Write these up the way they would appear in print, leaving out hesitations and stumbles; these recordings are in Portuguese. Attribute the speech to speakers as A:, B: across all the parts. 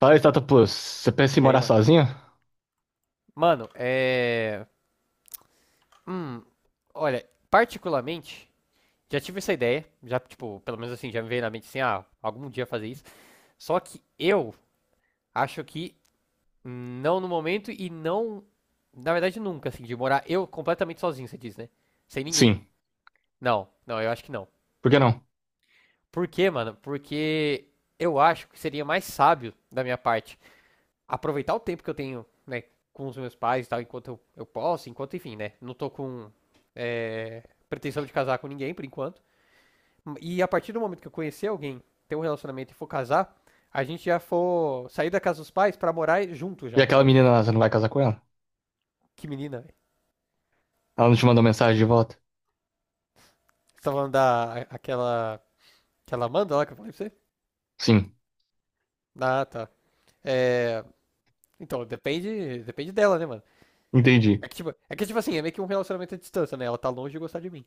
A: Fala, Platypus, você pensa em
B: E aí,
A: morar
B: mano?
A: sozinho?
B: Mano, é. Hum, olha, particularmente, já tive essa ideia, já, tipo, pelo menos assim, já me veio na mente assim, ah, algum dia fazer isso. Só que eu acho que não no momento e não. Na verdade, nunca, assim, de morar eu completamente sozinho, você diz, né? Sem ninguém.
A: Sim.
B: Não, não, eu acho que não.
A: Por que não?
B: Por quê, mano? Porque eu acho que seria mais sábio da minha parte aproveitar o tempo que eu tenho, né, com os meus pais e tal, enquanto eu posso, enquanto, enfim, né, não tô com é, pretensão de casar com ninguém por enquanto. E a partir do momento que eu conhecer alguém, ter um relacionamento e for casar, a gente já for sair da casa dos pais pra morar junto
A: E
B: já,
A: aquela
B: entendeu?
A: menina lá, você não vai casar com ela?
B: Que menina, velho.
A: Ela não te mandou mensagem de volta?
B: Você tá falando da, aquela, aquela Amanda lá que eu falei pra você?
A: Sim.
B: Ah, tá. É, então, depende dela, né, mano?
A: Entendi.
B: É que, tipo assim, é meio que um relacionamento à distância, né? Ela tá longe de gostar de mim.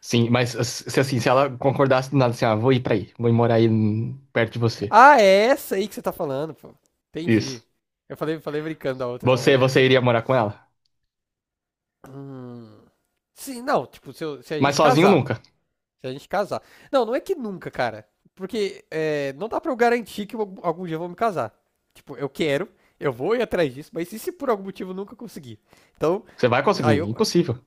A: Sim, mas se assim, se ela concordasse do nada assim, ah, vou ir pra aí, vou ir morar aí perto de você.
B: Ah, é essa aí que você tá falando, pô.
A: Isso.
B: Entendi. Eu falei brincando da outra, não, mas
A: Você,
B: é essa
A: você
B: aí.
A: iria morar com ela?
B: Hum. Sim, não, tipo, se a
A: Mas
B: gente
A: sozinho
B: casar.
A: nunca.
B: Se a gente casar. Não, não é que nunca, cara. Porque não dá pra eu garantir que eu algum dia eu vou me casar. Tipo, eu quero, eu vou ir atrás disso, mas e se por algum motivo eu nunca conseguir? Então,
A: Você vai
B: aí
A: conseguir,
B: eu.
A: impossível.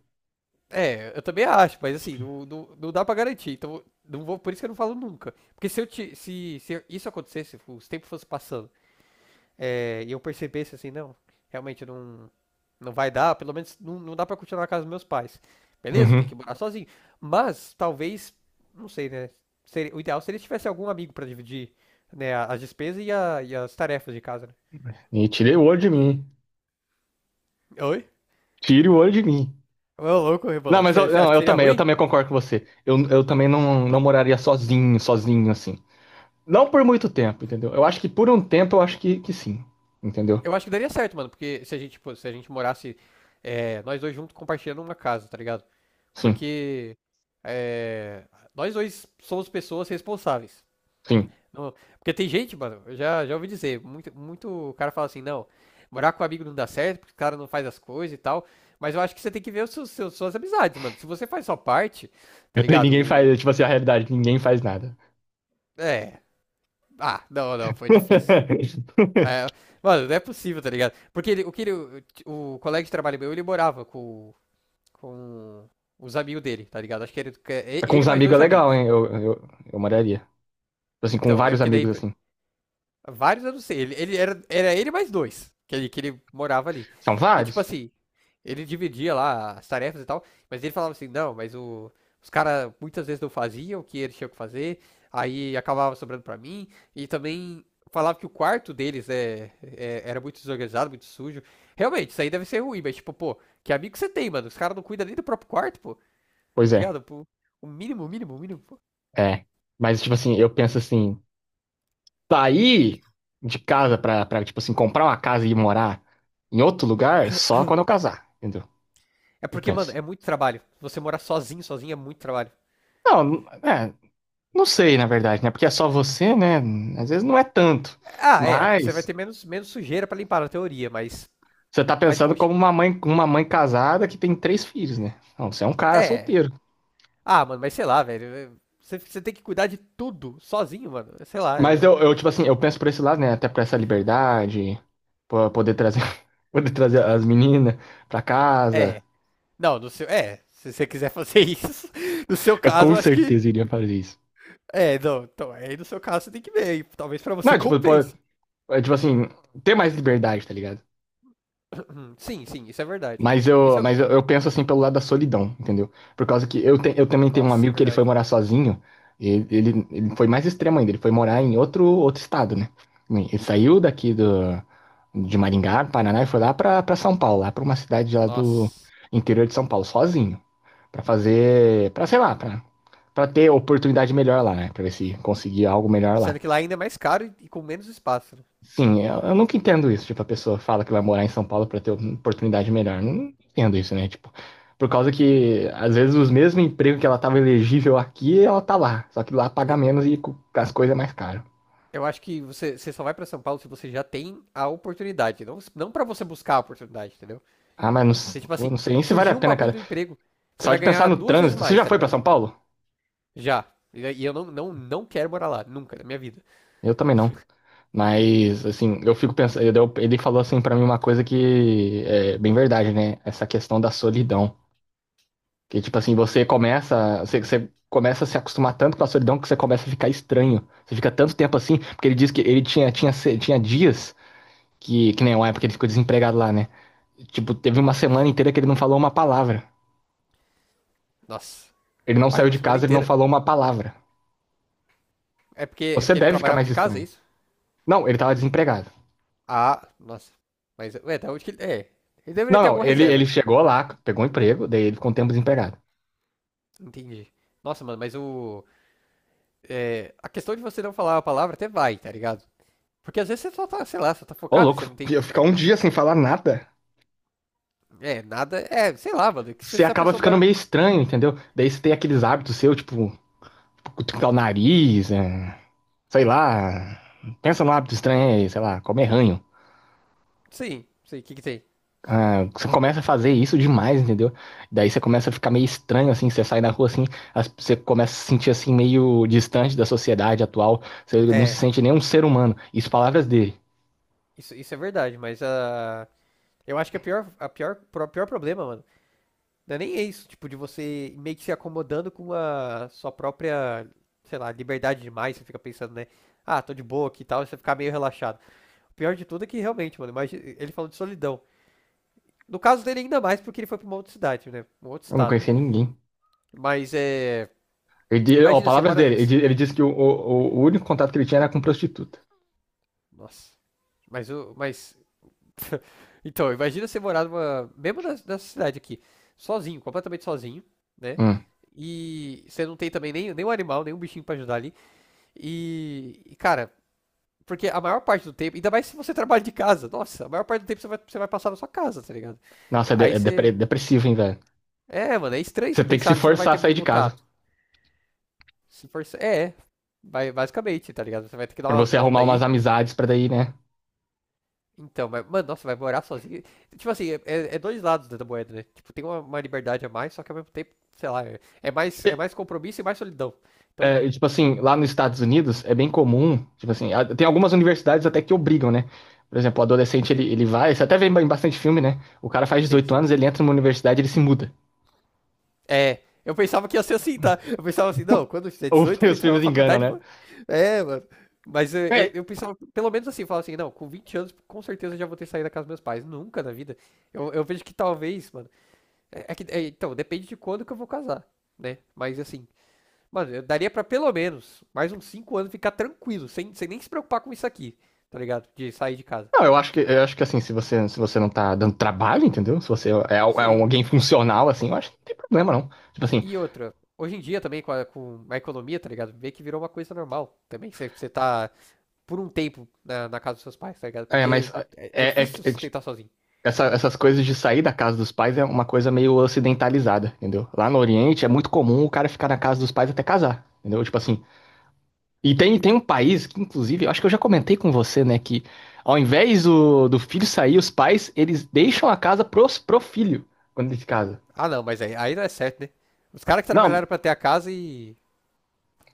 B: É, eu também acho, mas assim, não, não, não dá pra garantir. Então, não vou, por isso que eu não falo nunca. Porque se eu te, se isso acontecesse, os tempos fossem passando. E eu percebesse assim, não, realmente não vai dar, pelo menos não, não dá pra continuar na casa dos meus pais. Beleza, tem
A: Uhum.
B: que morar sozinho. Mas talvez, não sei, né? O ideal seria se tivesse algum amigo pra dividir, né, as despesas e, e as tarefas de casa, né?
A: E tire o olho de mim.
B: Oi?
A: Tire o olho de mim.
B: Ô, louco,
A: Não,
B: Rebolo.
A: mas
B: Você
A: eu,
B: acha
A: não,
B: que seria
A: eu
B: ruim?
A: também concordo com você. Eu também não, não moraria sozinho, sozinho, assim. Não por muito tempo, entendeu? Eu acho que por um tempo eu acho que sim, entendeu?
B: Eu acho que daria certo, mano, porque se a gente morasse nós dois juntos compartilhando uma casa, tá ligado?
A: Sim,
B: Porque é, nós dois somos pessoas responsáveis.
A: sim.
B: Não, porque tem gente, mano, eu já ouvi dizer, muito, muito cara fala assim, não, morar com amigo não dá certo, porque o cara não faz as coisas e tal. Mas eu acho que você tem que ver os suas amizades, mano. Se você faz só parte, tá
A: E
B: ligado?
A: ninguém faz, é, tipo assim, a realidade, ninguém faz nada.
B: É. Ah, não, não, foi difícil. É, mano, não é possível, tá ligado? Porque o colega de trabalho meu, ele morava com os amigos dele, tá ligado? Acho que é
A: Com
B: ele
A: os
B: mais
A: amigos é
B: dois
A: legal,
B: amigos.
A: hein? Eu moraria. Tipo assim, com
B: Então, é
A: vários
B: porque daí
A: amigos, assim.
B: vários eu não sei. Ele era ele mais dois, que ele morava ali.
A: São
B: E tipo
A: vários?
B: assim, ele dividia lá as tarefas e tal, mas ele falava assim, não, mas os caras muitas vezes não faziam o que eles tinham que fazer, aí acabava sobrando pra mim, e também falava que o quarto deles era muito desorganizado, muito sujo. Realmente, isso aí deve ser ruim, mas tipo, pô, que amigo você tem, mano? Os caras não cuidam nem do próprio quarto, pô,
A: Pois
B: tá
A: é,
B: ligado? Pô, o mínimo, o mínimo, o mínimo, pô.
A: é. Mas, tipo assim, eu penso assim, sair de casa pra, pra, tipo assim, comprar uma casa e ir morar em outro lugar só quando eu casar, entendeu?
B: É
A: Eu
B: porque, mano,
A: penso.
B: é muito trabalho. Você morar sozinho, sozinho é muito trabalho.
A: Não, é, não sei, na verdade, né? Porque é só você, né? Às vezes não é tanto.
B: Ah, é, você vai
A: Mas
B: ter menos sujeira pra limpar na teoria, mas.
A: você tá
B: Mas,
A: pensando
B: poxa.
A: como uma mãe casada que tem 3 filhos, né? Não, você é um cara
B: É.
A: solteiro.
B: Ah, mano, mas sei lá, velho. Você tem que cuidar de tudo sozinho, mano. Sei lá.
A: Mas eu, tipo assim, eu penso por esse lado, né? Até por essa liberdade, po- poder trazer, poder trazer as meninas pra
B: É.
A: casa.
B: É, não, no seu. É, se você quiser fazer isso, no seu
A: Eu
B: caso,
A: com
B: eu acho que.
A: certeza iria fazer isso.
B: É, não. Então, aí no seu caso você tem que ver. Aí, talvez pra você
A: Não, tipo, po-
B: compense.
A: é, tipo assim, ter mais liberdade, tá ligado?
B: Sim, sim, isso é verdade.
A: Mas eu,
B: Isso.
A: mas eu penso assim pelo lado da solidão, entendeu? Por causa que eu, te, eu também tenho um
B: Nossa, é
A: amigo que ele foi
B: verdade.
A: morar sozinho, e- ele foi mais extremo ainda, ele foi morar em outro, outro estado, né? Ele saiu daqui do, de Maringá, Paraná, e foi lá pra, pra São Paulo, lá pra uma cidade lá do
B: Nossa.
A: interior de São Paulo, sozinho, pra fazer, pra sei lá, pra, pra ter oportunidade melhor lá, né? Pra ver se conseguia algo melhor lá.
B: Sendo que lá ainda é mais caro e com menos espaço, né?
A: Sim, eu nunca entendo isso. Tipo, a pessoa fala que vai morar em São Paulo para ter uma oportunidade melhor. Não entendo isso, né? Tipo, por causa que, às vezes, os mesmos empregos que ela tava elegível aqui, ela tá lá. Só que lá paga menos e co- as coisas é mais caro.
B: Eu acho que você só vai pra São Paulo se você já tem a oportunidade. Não, não para você buscar a oportunidade, entendeu?
A: Ah, mas não,
B: Você,
A: s-
B: tipo
A: pô,
B: assim,
A: não sei nem se vale a
B: surgiu um
A: pena,
B: bagulho
A: cara.
B: do emprego, você
A: Só
B: vai
A: de pensar
B: ganhar
A: no
B: duas vezes
A: trânsito. Você
B: mais,
A: já
B: tá
A: foi para
B: ligado?
A: São Paulo?
B: Já. E eu não quero morar lá, nunca, na minha vida.
A: Eu também não. Mas, assim, eu fico pensando. Eu- Ele falou, assim, para mim uma coisa que é bem verdade, né? Essa questão da solidão. Que tipo assim, você começa, você, você começa a se acostumar tanto com a solidão que você começa a ficar estranho. Você fica tanto tempo assim, porque ele diz que ele tinha se- tinha dias que nem uma época ele ficou desempregado lá, né? Tipo, teve uma semana inteira que ele não falou uma palavra.
B: Nossa.
A: Ele não
B: Rapaz,
A: saiu
B: uma
A: de
B: semana
A: casa, ele não
B: inteira.
A: falou uma palavra.
B: É porque, é
A: Você
B: porque ele
A: deve ficar
B: trabalhava
A: mais
B: de casa, é
A: estranho.
B: isso?
A: Não, ele tava desempregado.
B: Ah, nossa. Mas, ué, da onde que ele. É. Ele deveria
A: Não,
B: ter
A: não,
B: alguma
A: ele,
B: reserva,
A: ele
B: né?
A: chegou lá, pegou um emprego, daí ele ficou um tempo desempregado.
B: Entendi. Nossa, mano, mas o. A questão de você não falar a palavra até vai, tá ligado? Porque às vezes você só tá, sei lá, só tá
A: Ô,
B: focado e
A: louco,
B: você não tem
A: ia ficar um dia sem falar nada.
B: É, nada. É, sei lá, mano. Que Se
A: Você
B: se a
A: acaba
B: pessoa
A: ficando
B: souber.
A: meio estranho, entendeu? Daí você tem aqueles hábitos seus, tipo, cutucar o nariz, é, sei lá. Pensa num hábito estranho aí, sei lá, comer ranho.
B: Sim, sei, o que que tem?
A: Ah, você começa a fazer isso demais, entendeu? Daí você começa a ficar meio estranho, assim, você sai na rua assim, as- você começa a se sentir assim, meio distante da sociedade atual, você não se
B: É,
A: sente nem um ser humano. Isso palavras dele.
B: isso é verdade, mas a. Eu acho que pior problema, mano, não é nem é isso, tipo, de você meio que se acomodando com a sua própria, sei lá, liberdade demais, você fica pensando, né? Ah, tô de boa aqui e tal, e você ficar meio relaxado. O pior de tudo é que realmente, mano, imagina, ele falou de solidão. No caso dele ainda mais, porque ele foi pra uma outra cidade, né? Um outro
A: Eu não
B: estado.
A: conhecia ninguém.
B: Mas é.
A: Ele, di- ó,
B: Imagina, você
A: palavras
B: mora.
A: dele, ele, di- ele disse que o único contato que ele tinha era com prostituta.
B: Nossa. Mas o. Mas Então, imagina você morar numa. Mesmo nessa cidade aqui, sozinho, completamente sozinho, né?
A: Hum.
B: E você não tem também nem, nenhum animal, nenhum bichinho pra ajudar ali. E, cara, porque a maior parte do tempo, ainda mais se você trabalha de casa, nossa, a maior parte do tempo você vai passar na sua casa, tá ligado?
A: Nossa, é, de-
B: Aí
A: é depre-
B: você.
A: depressivo, hein, velho?
B: É, mano, é estranho
A: Você
B: você
A: tem que se
B: pensar que você não vai
A: forçar a
B: ter
A: sair
B: muito
A: de casa.
B: contato. Se for. É, vai, basicamente, tá ligado? Você vai ter que dar
A: Pra
B: umas
A: você arrumar
B: voltas
A: umas
B: aí.
A: amizades pra daí, né?
B: Então, mas, mano, nossa, vai morar sozinho. Tipo assim, é dois lados da moeda, né? Tipo, tem uma liberdade a mais, só que ao mesmo tempo, sei lá, é mais compromisso e mais solidão. Então,
A: É, e, tipo assim, lá nos Estados Unidos é bem comum, tipo assim, a- tem algumas universidades até que obrigam, né? Por exemplo, o adolescente ele,
B: sim,
A: ele vai, você até vê em bastante filme, né? O cara faz
B: sim,
A: 18
B: sim.
A: anos, ele entra numa universidade, ele se muda.
B: É, eu pensava que ia ser assim, tá? Eu pensava assim, não, quando eu fizer
A: Ou
B: 18, vou
A: os
B: entrar na
A: filmes enganam,
B: faculdade,
A: né?
B: mano. É, mano. Mas eu, eu,
A: É,
B: eu pensava, pelo menos assim, eu falava assim, não, com 20 anos, com certeza eu já vou ter saído da casa dos meus pais. Nunca na vida. Eu vejo que talvez, mano. Então, depende de quando que eu vou casar, né? Mas assim, mano, eu daria pra pelo menos mais uns 5 anos ficar tranquilo, sem nem se preocupar com isso aqui, tá ligado? De sair de casa.
A: não, eu acho que assim, se você se você não tá dando trabalho, entendeu? Se você é, é um-
B: Sim.
A: alguém funcional assim, eu acho que não tem problema não. Tipo
B: E,
A: assim,
B: e outra, hoje em dia também com a economia, tá ligado? Vê que virou uma coisa normal também. Você tá por um tempo na casa dos seus pais, tá ligado?
A: é, mas
B: Porque é
A: é, é-
B: difícil se
A: é-
B: sustentar sozinho.
A: essa- essas coisas de sair da casa dos pais é uma coisa meio ocidentalizada, entendeu? Lá no Oriente é muito comum o cara ficar na casa dos pais até casar. Entendeu? Tipo assim, e tem, tem um país que, inclusive, eu acho que eu já comentei com você, né, que ao invés do, do filho sair, os pais, eles deixam a casa pros, pro filho quando ele se casa.
B: Ah, não, mas aí não é certo, né? Os caras que
A: Não,
B: trabalharam pra ter a casa e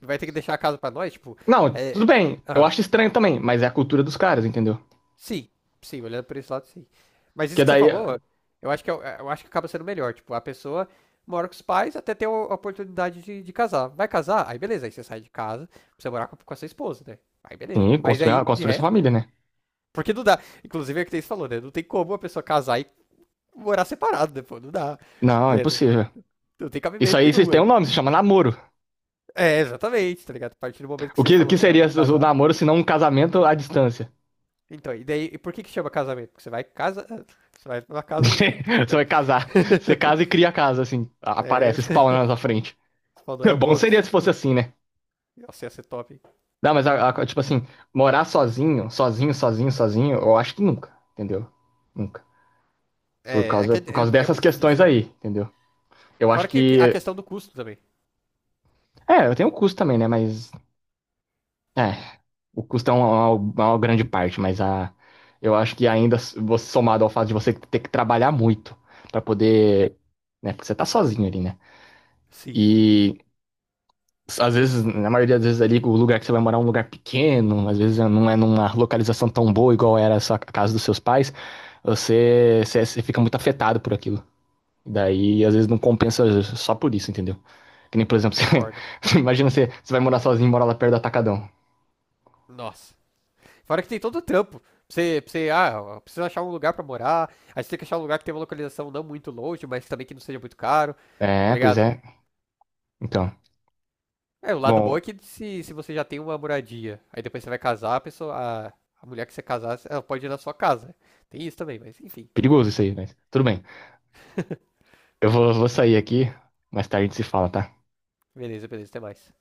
B: vai ter que deixar a casa pra nós, tipo,
A: não, tudo
B: é.
A: bem, eu
B: Ah.
A: acho estranho também, mas é a cultura dos caras, entendeu?
B: Sim, sim, olhando por esse lado, sim. Mas isso
A: Que
B: que você
A: daí,
B: falou, eu acho que, é o- é, eu, acho que acaba sendo melhor. Tipo, a pessoa mora com os pais até ter a oportunidade de casar. Vai casar? Aí beleza, aí você sai de casa pra você morar com a sua esposa, né? Aí beleza.
A: sim,
B: Mas
A: construir, ah,
B: aí, de
A: construir sua
B: resto,
A: família, né?
B: porque não dá. Inclusive é o que você falou, né? Não tem como a pessoa casar e morar separado, né? Pô, não dá.
A: Não, é
B: Né? Não,
A: impossível.
B: não tem
A: Isso
B: cabimento
A: aí, vocês
B: nenhum
A: têm
B: aí.
A: um nome, se chama namoro.
B: É, exatamente, tá ligado? A partir do momento que você
A: O
B: falou
A: que
B: assim, não,
A: seria
B: vamos
A: o
B: casar.
A: namoro se não um casamento à distância?
B: Então, e daí, e por que que chama casamento? Porque você vai casa, você vai pra casa, não, tô
A: Você
B: brincando.
A: vai casar, você casa e cria a casa, assim,
B: É,
A: aparece, spawn na sua frente.
B: falou, é o
A: Bom seria
B: bônus.
A: se fosse assim, né?
B: Nossa, ia ser top, hein?
A: Não, mas, a- tipo assim, morar sozinho, sozinho, sozinho, sozinho, eu acho que nunca, entendeu? Nunca.
B: É, é que é,
A: Por causa
B: é- é
A: dessas
B: muito
A: questões
B: difícil, né?
A: aí, entendeu? Eu acho
B: Fora que a
A: que.
B: questão do custo também.
A: É, eu tenho o custo também, né? Mas. É. O custo é uma grande parte, mas a. Eu acho que ainda, s- você somado ao fato de você ter que trabalhar muito pra poder. Né? Porque você tá sozinho ali, né?
B: Sim,
A: E. Às vezes, na maioria das vezes ali, o lugar que você vai morar é um lugar pequeno, às vezes não é numa localização tão boa igual era a sua- a casa dos seus pais, você, você, você fica muito afetado por aquilo. Daí, às vezes, não compensa só por isso, entendeu? Que nem, por exemplo, você,
B: concordo.
A: você imagina você, você vai morar sozinho e mora lá perto do Atacadão.
B: Nossa. Fora que tem todo o trampo. Pra você, precisa achar um lugar pra morar. Aí você tem que achar um lugar que tenha uma localização não muito longe, mas também que não seja muito caro. Tá
A: É, pois é.
B: ligado?
A: Então,
B: É, o lado bom
A: bom,
B: é que se você já tem uma moradia, aí depois você vai casar, a, a mulher que você casar, ela pode ir na sua casa. Tem isso também, mas enfim, né?
A: perigoso isso aí, mas tudo bem. Eu vou, vou sair aqui, mais tarde a gente se fala, tá?
B: Beleza, beleza, até mais.